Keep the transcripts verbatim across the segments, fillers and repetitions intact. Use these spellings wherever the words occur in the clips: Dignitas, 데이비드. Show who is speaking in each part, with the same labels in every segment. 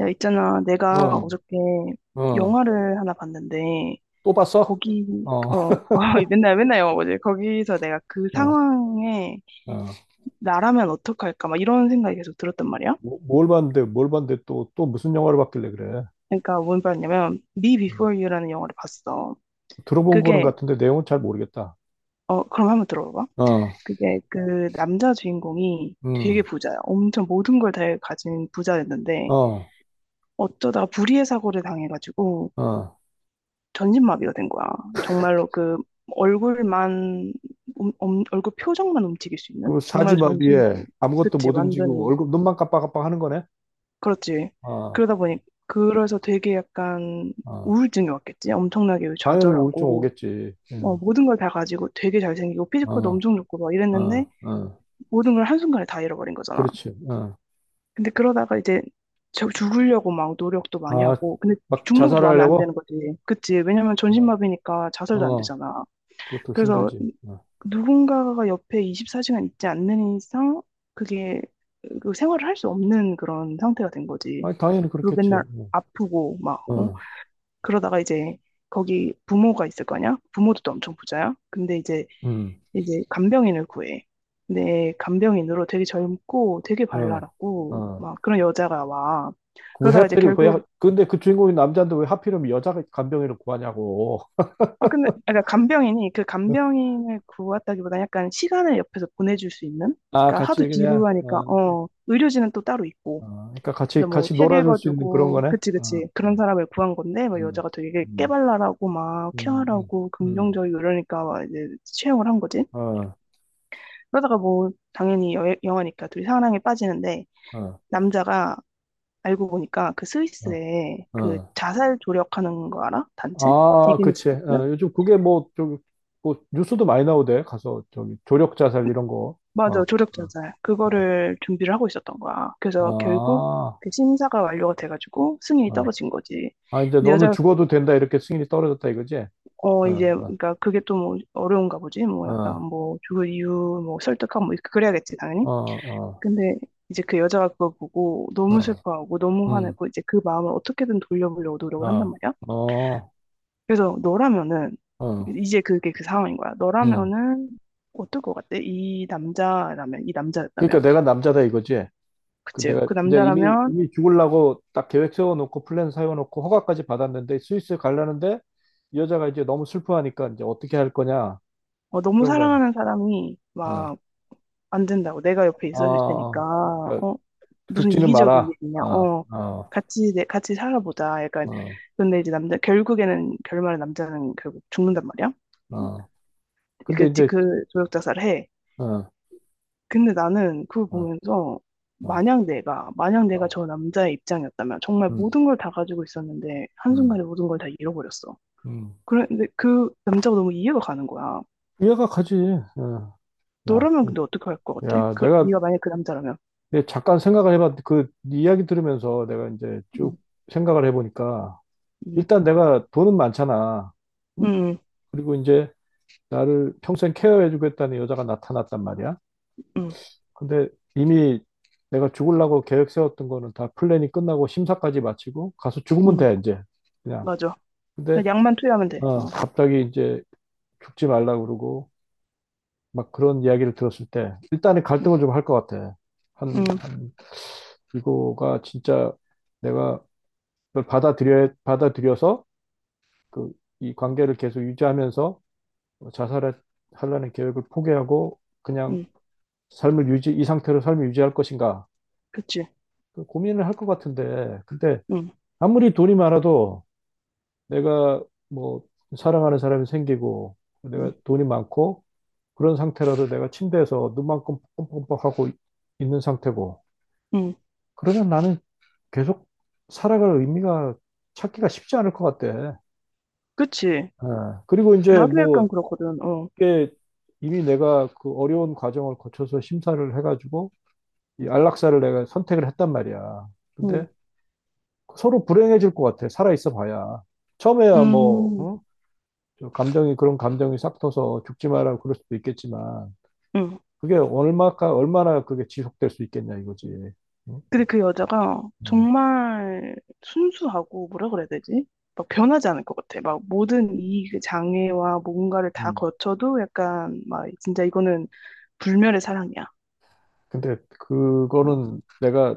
Speaker 1: 야, 있잖아. 내가
Speaker 2: 어,
Speaker 1: 어저께
Speaker 2: 어,
Speaker 1: 영화를 하나 봤는데,
Speaker 2: 또 봤어?
Speaker 1: 거기,
Speaker 2: 어,
Speaker 1: 어, 어, 맨날, 맨날 영화 보지. 거기서 내가 그
Speaker 2: 어,
Speaker 1: 상황에
Speaker 2: 어.
Speaker 1: 나라면 어떡할까? 막 이런 생각이 계속 들었단 말이야.
Speaker 2: 뭐- 뭘 봤는데, 뭘 봤는데 또, 또 무슨 영화를 봤길래 그래?
Speaker 1: 그러니까 뭔 말이냐면, Me
Speaker 2: 음.
Speaker 1: Before You라는 영화를 봤어.
Speaker 2: 들어본 거는
Speaker 1: 그게,
Speaker 2: 같은데 내용은 잘 모르겠다.
Speaker 1: 어, 그럼 한번 들어봐.
Speaker 2: 어,
Speaker 1: 그게 그 남자 주인공이 되게
Speaker 2: 음,
Speaker 1: 부자야. 엄청 모든 걸 다 가진 부자였는데,
Speaker 2: 어,
Speaker 1: 어쩌다가 불의의 사고를 당해가지고,
Speaker 2: 어.
Speaker 1: 전신마비가 된 거야. 정말로 그 얼굴만 음, 음, 얼굴 표정만 움직일 수 있는
Speaker 2: 그리고
Speaker 1: 정말로 전신마비.
Speaker 2: 사지마비에 아무것도
Speaker 1: 그치,
Speaker 2: 못 움직이고
Speaker 1: 완전히
Speaker 2: 얼굴, 눈만 깜빡깜빡 하는 거네?
Speaker 1: 그렇지.
Speaker 2: 어,
Speaker 1: 그러다 보니 그래서 되게 약간
Speaker 2: 어.
Speaker 1: 우울증이 왔겠지. 엄청나게
Speaker 2: 당연히 우울증
Speaker 1: 좌절하고,
Speaker 2: 오겠지.
Speaker 1: 어,
Speaker 2: 음,
Speaker 1: 모든 걸 다 가지고 되게 잘생기고 피지컬도
Speaker 2: 어,
Speaker 1: 엄청 좋고 막 이랬는데
Speaker 2: 어, 어.
Speaker 1: 모든 걸 한순간에 다 잃어버린 거잖아.
Speaker 2: 그렇지. 어.
Speaker 1: 근데 그러다가 이제 저 죽으려고 막 노력도 많이
Speaker 2: 아,
Speaker 1: 하고. 근데
Speaker 2: 막
Speaker 1: 죽는 음. 것도 마음에 안
Speaker 2: 자살하려고?
Speaker 1: 드는 거지. 그치? 왜냐면
Speaker 2: 어,
Speaker 1: 전신마비니까 자살도 안
Speaker 2: 어.
Speaker 1: 되잖아.
Speaker 2: 그것도
Speaker 1: 그래서
Speaker 2: 힘들지. 어.
Speaker 1: 누군가가 옆에 이십사 시간 있지 않는 이상 그게 그 생활을 할 수 없는 그런 상태가 된 거지.
Speaker 2: 아니, 당연히
Speaker 1: 그리고
Speaker 2: 그렇겠지.
Speaker 1: 맨날 아프고 막
Speaker 2: 어,
Speaker 1: 어?
Speaker 2: 어.
Speaker 1: 그러다가 이제 거기 부모가 있을 거냐? 부모도 또 엄청 부자야. 근데 이제
Speaker 2: 음.
Speaker 1: 이제 간병인을 구해. 근데 간병인으로 되게 젊고 되게
Speaker 2: 어,
Speaker 1: 발랄하고
Speaker 2: 어.
Speaker 1: 막 그런 여자가 와.
Speaker 2: 그 왜
Speaker 1: 그러다가 이제
Speaker 2: 하필이, 왜, 하-
Speaker 1: 결국
Speaker 2: 근데 그 주인공이 남자인데 왜 하필이면 여자 간병인을 구하냐고.
Speaker 1: 아, 근데, 아, 그러니까 간병인이 그 간병인을 구했다기보다 약간 시간을 옆에서 보내줄 수 있는?
Speaker 2: 아,
Speaker 1: 그러니까
Speaker 2: 같이
Speaker 1: 하도
Speaker 2: 그냥,
Speaker 1: 지루하니까,
Speaker 2: 어,
Speaker 1: 어, 의료진은 또 따로 있고.
Speaker 2: 어, 그러니까 같이,
Speaker 1: 그래서 뭐
Speaker 2: 같이
Speaker 1: 책
Speaker 2: 놀아줄 수 있는 그런
Speaker 1: 읽어주고,
Speaker 2: 거네.
Speaker 1: 그치,
Speaker 2: 어,
Speaker 1: 그치. 그런
Speaker 2: 어,
Speaker 1: 사람을 구한 건데, 막
Speaker 2: 어,
Speaker 1: 여자가 되게
Speaker 2: 음,
Speaker 1: 깨발랄하고, 막
Speaker 2: 음, 음,
Speaker 1: 케어하고,
Speaker 2: 음,
Speaker 1: 긍정적이고 이러니까 막 이제 채용을 한 거지.
Speaker 2: 어,
Speaker 1: 그러다가 뭐, 당연히 여, 영화니까 둘이 사랑에 빠지는데,
Speaker 2: 어,
Speaker 1: 남자가 알고 보니까 그
Speaker 2: 어,
Speaker 1: 스위스에 그
Speaker 2: 어.
Speaker 1: 자살 조력하는 거 알아? 단체?
Speaker 2: 아, 그치.
Speaker 1: 디그니스트?
Speaker 2: 어, 요즘 그게 뭐, 저기, 뭐, 뉴스도 많이 나오대. 가서, 저기, 조력 자살 이런 거. 어, 어,
Speaker 1: 맞아, 조력 자살. 그거를 준비를 하고 있었던 거야. 그래서 결국
Speaker 2: 어.
Speaker 1: 그 심사가 완료가 돼가지고 승인이
Speaker 2: 아, 어.
Speaker 1: 떨어진 거지.
Speaker 2: 아, 이제
Speaker 1: 근데
Speaker 2: 너는
Speaker 1: 여자,
Speaker 2: 죽어도 된다. 이렇게 승인이 떨어졌다 이거지?
Speaker 1: 어,
Speaker 2: 어,
Speaker 1: 이제,
Speaker 2: 어,
Speaker 1: 그러니까 그게 또 뭐 어려운가 보지. 뭐 약간
Speaker 2: 어.
Speaker 1: 뭐 그 이유, 뭐 설득하고 뭐 그래야겠지, 당연히.
Speaker 2: 어, 어,
Speaker 1: 근데 이제 그 여자가 그걸 보고 너무
Speaker 2: 어,
Speaker 1: 슬퍼하고 너무
Speaker 2: 음,
Speaker 1: 화내고 이제 그 마음을 어떻게든 돌려보려고 노력을 한단
Speaker 2: 어,
Speaker 1: 말이야.
Speaker 2: 어,
Speaker 1: 그래서 너라면은,
Speaker 2: 어,
Speaker 1: 이제 그게 그 상황인 거야.
Speaker 2: 음.
Speaker 1: 너라면은 어떨 것 같아? 이 남자라면, 이 남자였다면.
Speaker 2: 그러니까 내가 남자다 이거지. 그
Speaker 1: 그치?
Speaker 2: 내가
Speaker 1: 그
Speaker 2: 이제 이미
Speaker 1: 남자라면,
Speaker 2: 이미 죽으려고 딱 계획 세워놓고 플랜 세워놓고 허가까지 받았는데 스위스 가려는데 이 여자가 이제 너무 슬퍼하니까 이제 어떻게 할 거냐
Speaker 1: 어, 너무
Speaker 2: 그런 거 아니야.
Speaker 1: 사랑하는 사람이 막 안 된다고 내가 옆에
Speaker 2: 어,
Speaker 1: 있어줄
Speaker 2: 어,
Speaker 1: 테니까,
Speaker 2: 어. 그러니까
Speaker 1: 어, 무슨
Speaker 2: 죽지는
Speaker 1: 이기적인
Speaker 2: 마라.
Speaker 1: 일이냐,
Speaker 2: 어,
Speaker 1: 어,
Speaker 2: 어,
Speaker 1: 같이 내 같이 살아보자, 약간.
Speaker 2: 어,
Speaker 1: 근데 이제 남자 결국에는 결말에 남자는 결국 죽는단 말이야.
Speaker 2: 어.
Speaker 1: 그
Speaker 2: 근데
Speaker 1: 게
Speaker 2: 이제
Speaker 1: 그 조력자살을 해.
Speaker 2: 어, 어,
Speaker 1: 근데 나는 그걸 보면서
Speaker 2: 어,
Speaker 1: 만약 내가 만약 내가
Speaker 2: 어.
Speaker 1: 저 남자의 입장이었다면, 정말
Speaker 2: 음,
Speaker 1: 모든 걸 다 가지고 있었는데
Speaker 2: 음,
Speaker 1: 한순간에 모든 걸 다 잃어버렸어.
Speaker 2: 음.
Speaker 1: 그런데 그 남자가 너무 이해가 가는 거야.
Speaker 2: 이해가 가지. 어. 야,
Speaker 1: 너라면
Speaker 2: 그-
Speaker 1: 근데 어떻게 할 것 같아?
Speaker 2: 야,
Speaker 1: 그
Speaker 2: 내가
Speaker 1: 네가 만약 그 남자라면.
Speaker 2: 근데 잠깐 생각을 해봤는데 그 이야기 들으면서 내가 이제 쭉 생각을 해보니까
Speaker 1: 음,
Speaker 2: 일단 내가 돈은 많잖아. 응?
Speaker 1: 음,
Speaker 2: 그리고 이제 나를 평생 케어해주겠다는 여자가 나타났단 말이야.
Speaker 1: 음,
Speaker 2: 근데 이미 내가 죽으려고 계획 세웠던 거는 다 플랜이 끝나고 심사까지 마치고 가서 죽으면
Speaker 1: 음, 음.
Speaker 2: 돼, 이제. 그냥.
Speaker 1: 맞아.
Speaker 2: 근데,
Speaker 1: 그냥 약만 투여하면 돼.
Speaker 2: 어,
Speaker 1: 어,
Speaker 2: 갑자기 이제 죽지 말라 그러고 막 그런 이야기를 들었을 때 일단은
Speaker 1: 음,
Speaker 2: 갈등을 좀 할 것 같아. 한,
Speaker 1: 음,
Speaker 2: 한, 이거가 진짜 내가 그걸 받아들여, 받아들여서 그, 이 관계를 계속 유지하면서 자살을 하려는 계획을 포기하고 그냥
Speaker 1: 음,
Speaker 2: 삶을 유지, 이 상태로 삶을 유지할 것인가
Speaker 1: 그치.
Speaker 2: 그 고민을 할 것 같은데 근데
Speaker 1: 음,
Speaker 2: 아무리 돈이 많아도 내가 뭐 사랑하는 사람이 생기고
Speaker 1: 음,
Speaker 2: 내가 돈이 많고 그런 상태라도 내가 침대에서 눈만 껌뻑껌뻑하고 있는 상태고
Speaker 1: 음,
Speaker 2: 그러면 나는 계속 살아갈 의미가 찾기가 쉽지 않을 것 같대.
Speaker 1: 그치.
Speaker 2: 예. 그리고 이제
Speaker 1: 나도 약간
Speaker 2: 뭐
Speaker 1: 그렇거든. 어,
Speaker 2: 그게 이미 내가 그 어려운 과정을 거쳐서 심사를 해가지고 이 안락사를 내가 선택을 했단 말이야.
Speaker 1: 음,
Speaker 2: 근데 서로 불행해질 것 같아. 살아 있어 봐야. 처음에야 뭐,
Speaker 1: 음,
Speaker 2: 어? 저 감정이, 그런 감정이 싹 터서 죽지 마라 그럴 수도 있겠지만,
Speaker 1: 음.
Speaker 2: 그게 얼마까, 얼마나 그게 지속될 수 있겠냐 이거지. 응?
Speaker 1: 근데 그 여자가
Speaker 2: 어,
Speaker 1: 정말 순수하고 뭐라 그래야 되지? 막 변하지 않을 것 같아. 막 모든 이 그 장애와 뭔가를 다
Speaker 2: 음.
Speaker 1: 거쳐도 약간 막 진짜 이거는 불멸의 사랑이야.
Speaker 2: 근데
Speaker 1: 어,
Speaker 2: 그거는 내가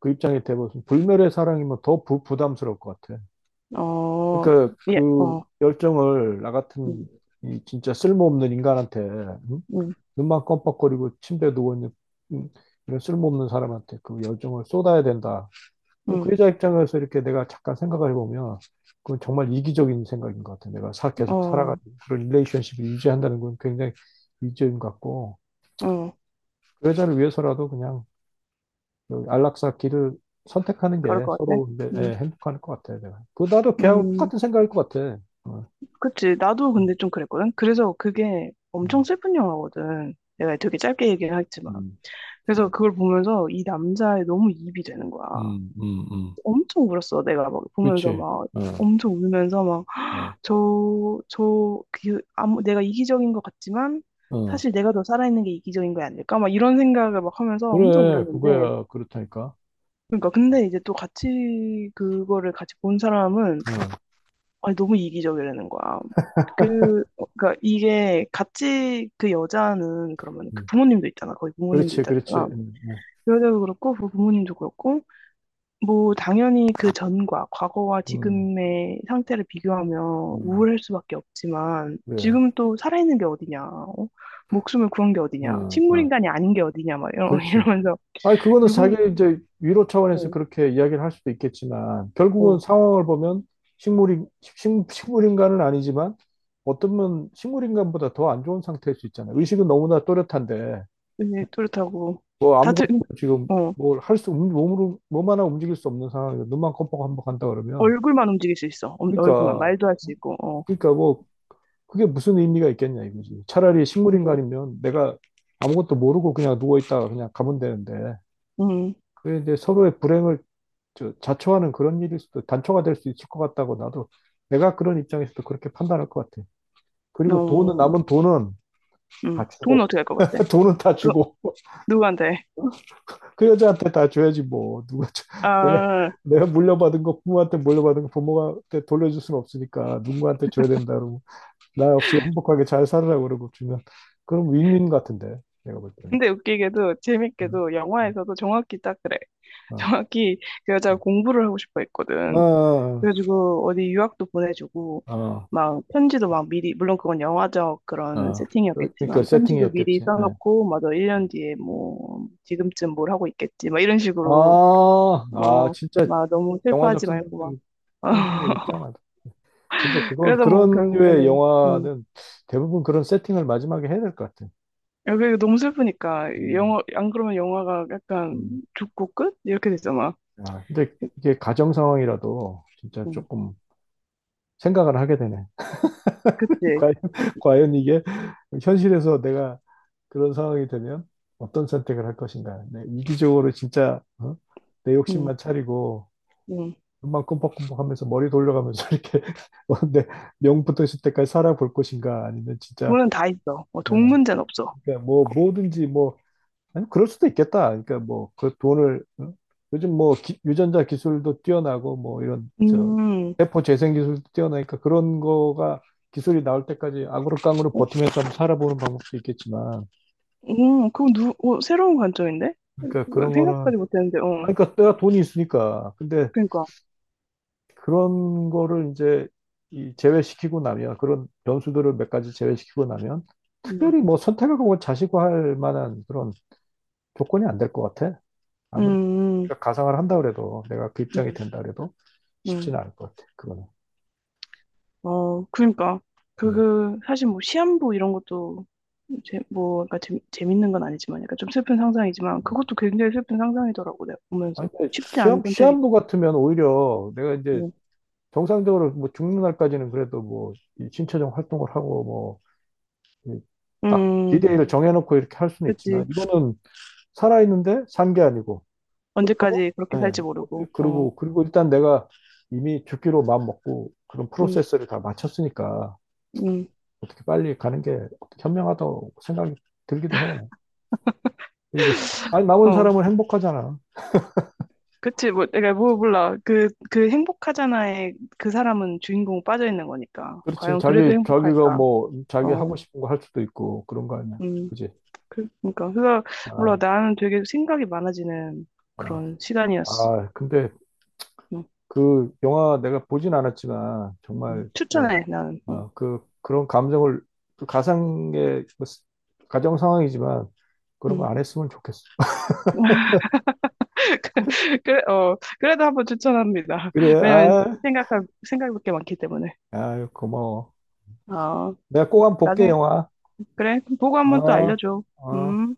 Speaker 2: 그 입장에 대해서 불멸의 사랑이면 더 부, 부담스러울 것 같아.
Speaker 1: 어,
Speaker 2: 그러니까
Speaker 1: 예,
Speaker 2: 그
Speaker 1: 어,
Speaker 2: 열정을 나
Speaker 1: 음,
Speaker 2: 같은 이 진짜 쓸모없는 인간한테 응?
Speaker 1: 음,
Speaker 2: 눈만 껌뻑거리고 침대에 누워 있는 응? 이런 쓸모없는 사람한테 그 열정을 쏟아야 된다. 근데 그
Speaker 1: 음,
Speaker 2: 여자 입장에서 이렇게 내가 잠깐 생각을 해보면 그건 정말 이기적인 생각인 것 같아. 내가 사, 계속
Speaker 1: 어,
Speaker 2: 살아가지고 그런 릴레이션십을 유지한다는 건 굉장히 이기적인 것 같고
Speaker 1: 어,
Speaker 2: 그 여자를 위해서라도 그냥 여기 안락사 길을 선택하는
Speaker 1: 그럴
Speaker 2: 게
Speaker 1: 것 같아.
Speaker 2: 서로 이제,
Speaker 1: 음.
Speaker 2: 예, 행복할 것 같아. 내가 그 나도 걔하고
Speaker 1: 음,
Speaker 2: 똑같은 생각일 것 같아. 어.
Speaker 1: 그치. 나도
Speaker 2: 음,
Speaker 1: 근데 좀 그랬거든. 그래서 그게 엄청
Speaker 2: 음.
Speaker 1: 슬픈 영화거든. 내가 되게 짧게 얘기를 했지만.
Speaker 2: 음,
Speaker 1: 그래서 그걸 보면서 이 남자에 너무 이입이 되는 거야.
Speaker 2: 음, 음, 음.
Speaker 1: 엄청 울었어. 내가 막 보면서
Speaker 2: 그치.
Speaker 1: 막
Speaker 2: 어,
Speaker 1: 엄청 울면서 막
Speaker 2: 어,
Speaker 1: 저, 저, 그, 아무, 내가 이기적인 것 같지만
Speaker 2: 어.
Speaker 1: 사실 내가 더 살아있는 게 이기적인 거 아닐까? 막 이런 생각을 막 하면서 엄청
Speaker 2: 그래,
Speaker 1: 울었는데.
Speaker 2: 그거야. 그렇다니까.
Speaker 1: 그러니까 근데 이제 또 같이 그거를 같이 본 사람은
Speaker 2: 어,
Speaker 1: 아니, 너무 이기적이라는 거야. 그, 어, 그러니까 이게 같이 그 여자는 그러면 그
Speaker 2: 음.
Speaker 1: 부모님도 있잖아. 거의 부모님도
Speaker 2: 그렇지,
Speaker 1: 있다
Speaker 2: 그렇지.
Speaker 1: 그랬잖아.
Speaker 2: 음, 네.
Speaker 1: 그 여자도 그렇고, 그 부모님도 그렇고, 뭐, 당연히 그 전과, 과거와
Speaker 2: 음,
Speaker 1: 지금의 상태를 비교하면
Speaker 2: 음.
Speaker 1: 우울할 수밖에 없지만,
Speaker 2: 그래.
Speaker 1: 지금 또 살아있는 게 어디냐, 어? 목숨을 구한 게 어디냐,
Speaker 2: 어, 어.
Speaker 1: 식물인간이 아닌 게 어디냐, 막 이러,
Speaker 2: 그렇지.
Speaker 1: 이러면서,
Speaker 2: 아니, 그거는 자기
Speaker 1: 누군,
Speaker 2: 이제 위로 차원에서
Speaker 1: 어,
Speaker 2: 그렇게 이야기를 할 수도 있겠지만,
Speaker 1: 어,
Speaker 2: 결국은 상황을 보면 식물이, 식, 식물인간은 아니지만, 어쩌면 식물인간보다 더 안 좋은 상태일 수 있잖아요. 의식은 너무나 또렷한데,
Speaker 1: 이제 그렇다고,
Speaker 2: 뭐
Speaker 1: 다들,
Speaker 2: 아무것도 지금
Speaker 1: 어,
Speaker 2: 뭘 할 수, 없는 몸으로, 몸 하나 움직일 수 없는 상황이고, 눈만 껌뻑껌뻑 한다 그러면,
Speaker 1: 얼굴만 움직일 수 있어. 어, 얼굴만,
Speaker 2: 그러니까,
Speaker 1: 말도 할 수 있고, 어.
Speaker 2: 그러니까 뭐, 그게 무슨 의미가 있겠냐 이거지. 차라리
Speaker 1: 음,
Speaker 2: 식물인간이면 내가 아무것도 모르고 그냥 누워있다가 그냥 가면 되는데,
Speaker 1: 음,
Speaker 2: 그게 이제 서로의 불행을 저- 자초하는 그런 일일 수도, 단초가 될 수 있을 것 같다고 나도, 내가 그런 입장에서도 그렇게 판단할 것 같아. 그리고
Speaker 1: 어,
Speaker 2: 돈은, 남은 돈은
Speaker 1: 음.
Speaker 2: 다
Speaker 1: 돈
Speaker 2: 주고,
Speaker 1: 어떻게 할 것 같아?
Speaker 2: 돈은 다
Speaker 1: 그,
Speaker 2: 주고,
Speaker 1: 누구한테?
Speaker 2: 그 여자한테 다 줘야지 뭐 누가 줘- 내가
Speaker 1: 아,
Speaker 2: 내가 물려받은 거 부모한테 물려받은 거 부모한테 돌려줄 수는 없으니까 누구한테 줘야 된다 그러고 나 없이 행복하게 잘 살으라고 그러고 주면 그럼 윈윈 같은데 내가 볼 때는
Speaker 1: 근데 웃기게도,
Speaker 2: 음,
Speaker 1: 재밌게도,
Speaker 2: 음,
Speaker 1: 영화에서도 정확히 딱 그래.
Speaker 2: 어,
Speaker 1: 정확히 그 여자가 공부를 하고 싶어 했거든.
Speaker 2: 어,
Speaker 1: 그래가지고, 어디 유학도 보내주고,
Speaker 2: 어, 어,
Speaker 1: 막, 편지도 막 미리, 물론 그건 영화적 그런
Speaker 2: 어. 그러니까
Speaker 1: 세팅이었겠지만, 편지도 미리
Speaker 2: 세팅이었겠지 예.
Speaker 1: 써놓고, 맞아, 일 년 뒤에 뭐, 지금쯤 뭘 하고 있겠지, 막 이런
Speaker 2: 아,
Speaker 1: 식으로,
Speaker 2: 아
Speaker 1: 어,
Speaker 2: 진짜
Speaker 1: 막 너무
Speaker 2: 영화적
Speaker 1: 슬퍼하지 말고,
Speaker 2: 상상력이
Speaker 1: 막.
Speaker 2: 상상력이 뛰어나다 근데 그거
Speaker 1: 그래서 뭐,
Speaker 2: 그런 류의
Speaker 1: 결국에는, 음,
Speaker 2: 영화는 대부분 그런 세팅을 마지막에 해야 될 것 같아
Speaker 1: 여기 너무 슬프니까 영
Speaker 2: 음,
Speaker 1: 화 안 그러면 영화가 약간
Speaker 2: 음.
Speaker 1: 죽고 끝 이렇게 되잖아.
Speaker 2: 야, 근데 이게 가정 상황이라도 진짜
Speaker 1: 응,
Speaker 2: 조금 생각을 하게 되네.
Speaker 1: 그치?
Speaker 2: 과연, 과연 이게 현실에서 내가 그런 상황이 되면 어떤 선택을 할 것인가. 네, 이기적으로 진짜 어? 내
Speaker 1: 응,
Speaker 2: 욕심만 차리고
Speaker 1: 응.
Speaker 2: 눈만 끔뻑끔뻑 하면서 머리 돌려가면서 이렇게 어, 내 명부터 있을 때까지 살아볼 것인가 아니면 진짜
Speaker 1: 돈은 다 있어. 어,
Speaker 2: 어,
Speaker 1: 돈 문제는 없어.
Speaker 2: 그러니까 뭐
Speaker 1: 거-
Speaker 2: 뭐든지 뭐 아니, 그럴 수도 있겠다. 그러니까 뭐, 그 돈을, 응? 요즘 뭐, 기- 유전자 기술도 뛰어나고, 뭐, 이런, 저,
Speaker 1: 음,
Speaker 2: 세포 재생 기술도 뛰어나니까 그런 거가 기술이 나올 때까지 아그로깡으로
Speaker 1: 어,
Speaker 2: 버티면서 한번 살아보는 방법도 있겠지만,
Speaker 1: 음, 그거 누, 어, 새로운 관점인데?
Speaker 2: 그러니까
Speaker 1: 어,
Speaker 2: 그런 거는,
Speaker 1: 생각까지 못했는데, 어,
Speaker 2: 아니, 그러니까 내가 돈이 있으니까. 근데
Speaker 1: 그러니까,
Speaker 2: 그런 거를 이제 이 제외시키고 나면, 그런 변수들을 몇 가지 제외시키고 나면,
Speaker 1: 음,
Speaker 2: 특별히 뭐 선택하고 자시고 할 만한 그런 조건이 안 될 것 같아.
Speaker 1: 음,
Speaker 2: 아무리
Speaker 1: 음,
Speaker 2: 우리가 가상을 한다 그래도 내가 그 입장이
Speaker 1: 음,
Speaker 2: 된다 그래도
Speaker 1: 음.
Speaker 2: 쉽지는 않을 것 같아. 그거는.
Speaker 1: 어, 그러니까 그,
Speaker 2: 음.
Speaker 1: 그 사실 뭐 시한부 이런 것도 재, 뭐, 그러니까 재, 재밌는 건 아니지만, 약간 좀 슬픈 상상이지만,
Speaker 2: 음.
Speaker 1: 그것도 굉장히 슬픈 상상이더라고, 내가
Speaker 2: 아니
Speaker 1: 보면서.
Speaker 2: 근데
Speaker 1: 쉽지 않은
Speaker 2: 시험
Speaker 1: 선택이.
Speaker 2: 시험부 같으면 오히려 내가 이제
Speaker 1: 음,
Speaker 2: 정상적으로 뭐 죽는 날까지는 그래도 뭐이 신체적 활동을 하고 뭐딱
Speaker 1: 음,
Speaker 2: 디데이를 정해놓고 이렇게 할 수는 있지만
Speaker 1: 그치.
Speaker 2: 이거는 살아있는데 산 게 아니고 그렇다고
Speaker 1: 언제까지 그렇게
Speaker 2: 네.
Speaker 1: 살지
Speaker 2: 어떻게
Speaker 1: 모르고, 어,
Speaker 2: 그리고 그리고 일단 내가 이미 죽기로 마음 먹고 그런
Speaker 1: 음,
Speaker 2: 프로세스를 다 마쳤으니까
Speaker 1: 음,
Speaker 2: 어떻게 빨리 가는 게 현명하다고 생각이 들기도 해. 그리고 아니 남은
Speaker 1: 어,
Speaker 2: 사람은 행복하잖아.
Speaker 1: 그치. 뭐, 내가 뭐 몰라. 그, 그 행복하잖아에 그 사람은 주인공 빠져 있는 거니까.
Speaker 2: 그렇지.
Speaker 1: 과연 그래도
Speaker 2: 자기 자기가
Speaker 1: 행복할까?
Speaker 2: 뭐 자기 하고
Speaker 1: 어,
Speaker 2: 싶은 거 할 수도 있고 그런 거 아니야.
Speaker 1: 음,
Speaker 2: 그지?
Speaker 1: 그, 그니까. 그래서,
Speaker 2: 아,
Speaker 1: 몰라. 나는 되게 생각이 많아지는
Speaker 2: 어.
Speaker 1: 그런 시간이었어.
Speaker 2: 아, 근데
Speaker 1: 음,
Speaker 2: 그 영화 내가 보진 않았지만
Speaker 1: 음.
Speaker 2: 정말 진짜
Speaker 1: 추천해, 나는. 어,
Speaker 2: 어, 그 그런 감정을 그 가상의 그 스- 가정 상황이지만 그런 거
Speaker 1: 음.
Speaker 2: 안 했으면 좋겠어.
Speaker 1: 그래, 어, 그래도 한번 추천합니다.
Speaker 2: 그래.
Speaker 1: 왜냐면
Speaker 2: 아,
Speaker 1: 생각할, 생각할 게 많기 때문에.
Speaker 2: 아유, 고마워.
Speaker 1: 어,
Speaker 2: 내가 꼭 한번 볼게
Speaker 1: 나중에
Speaker 2: 영화.
Speaker 1: 그래, 그럼 보고 한 번 또
Speaker 2: 어,
Speaker 1: 알려줘.
Speaker 2: 어.
Speaker 1: 음.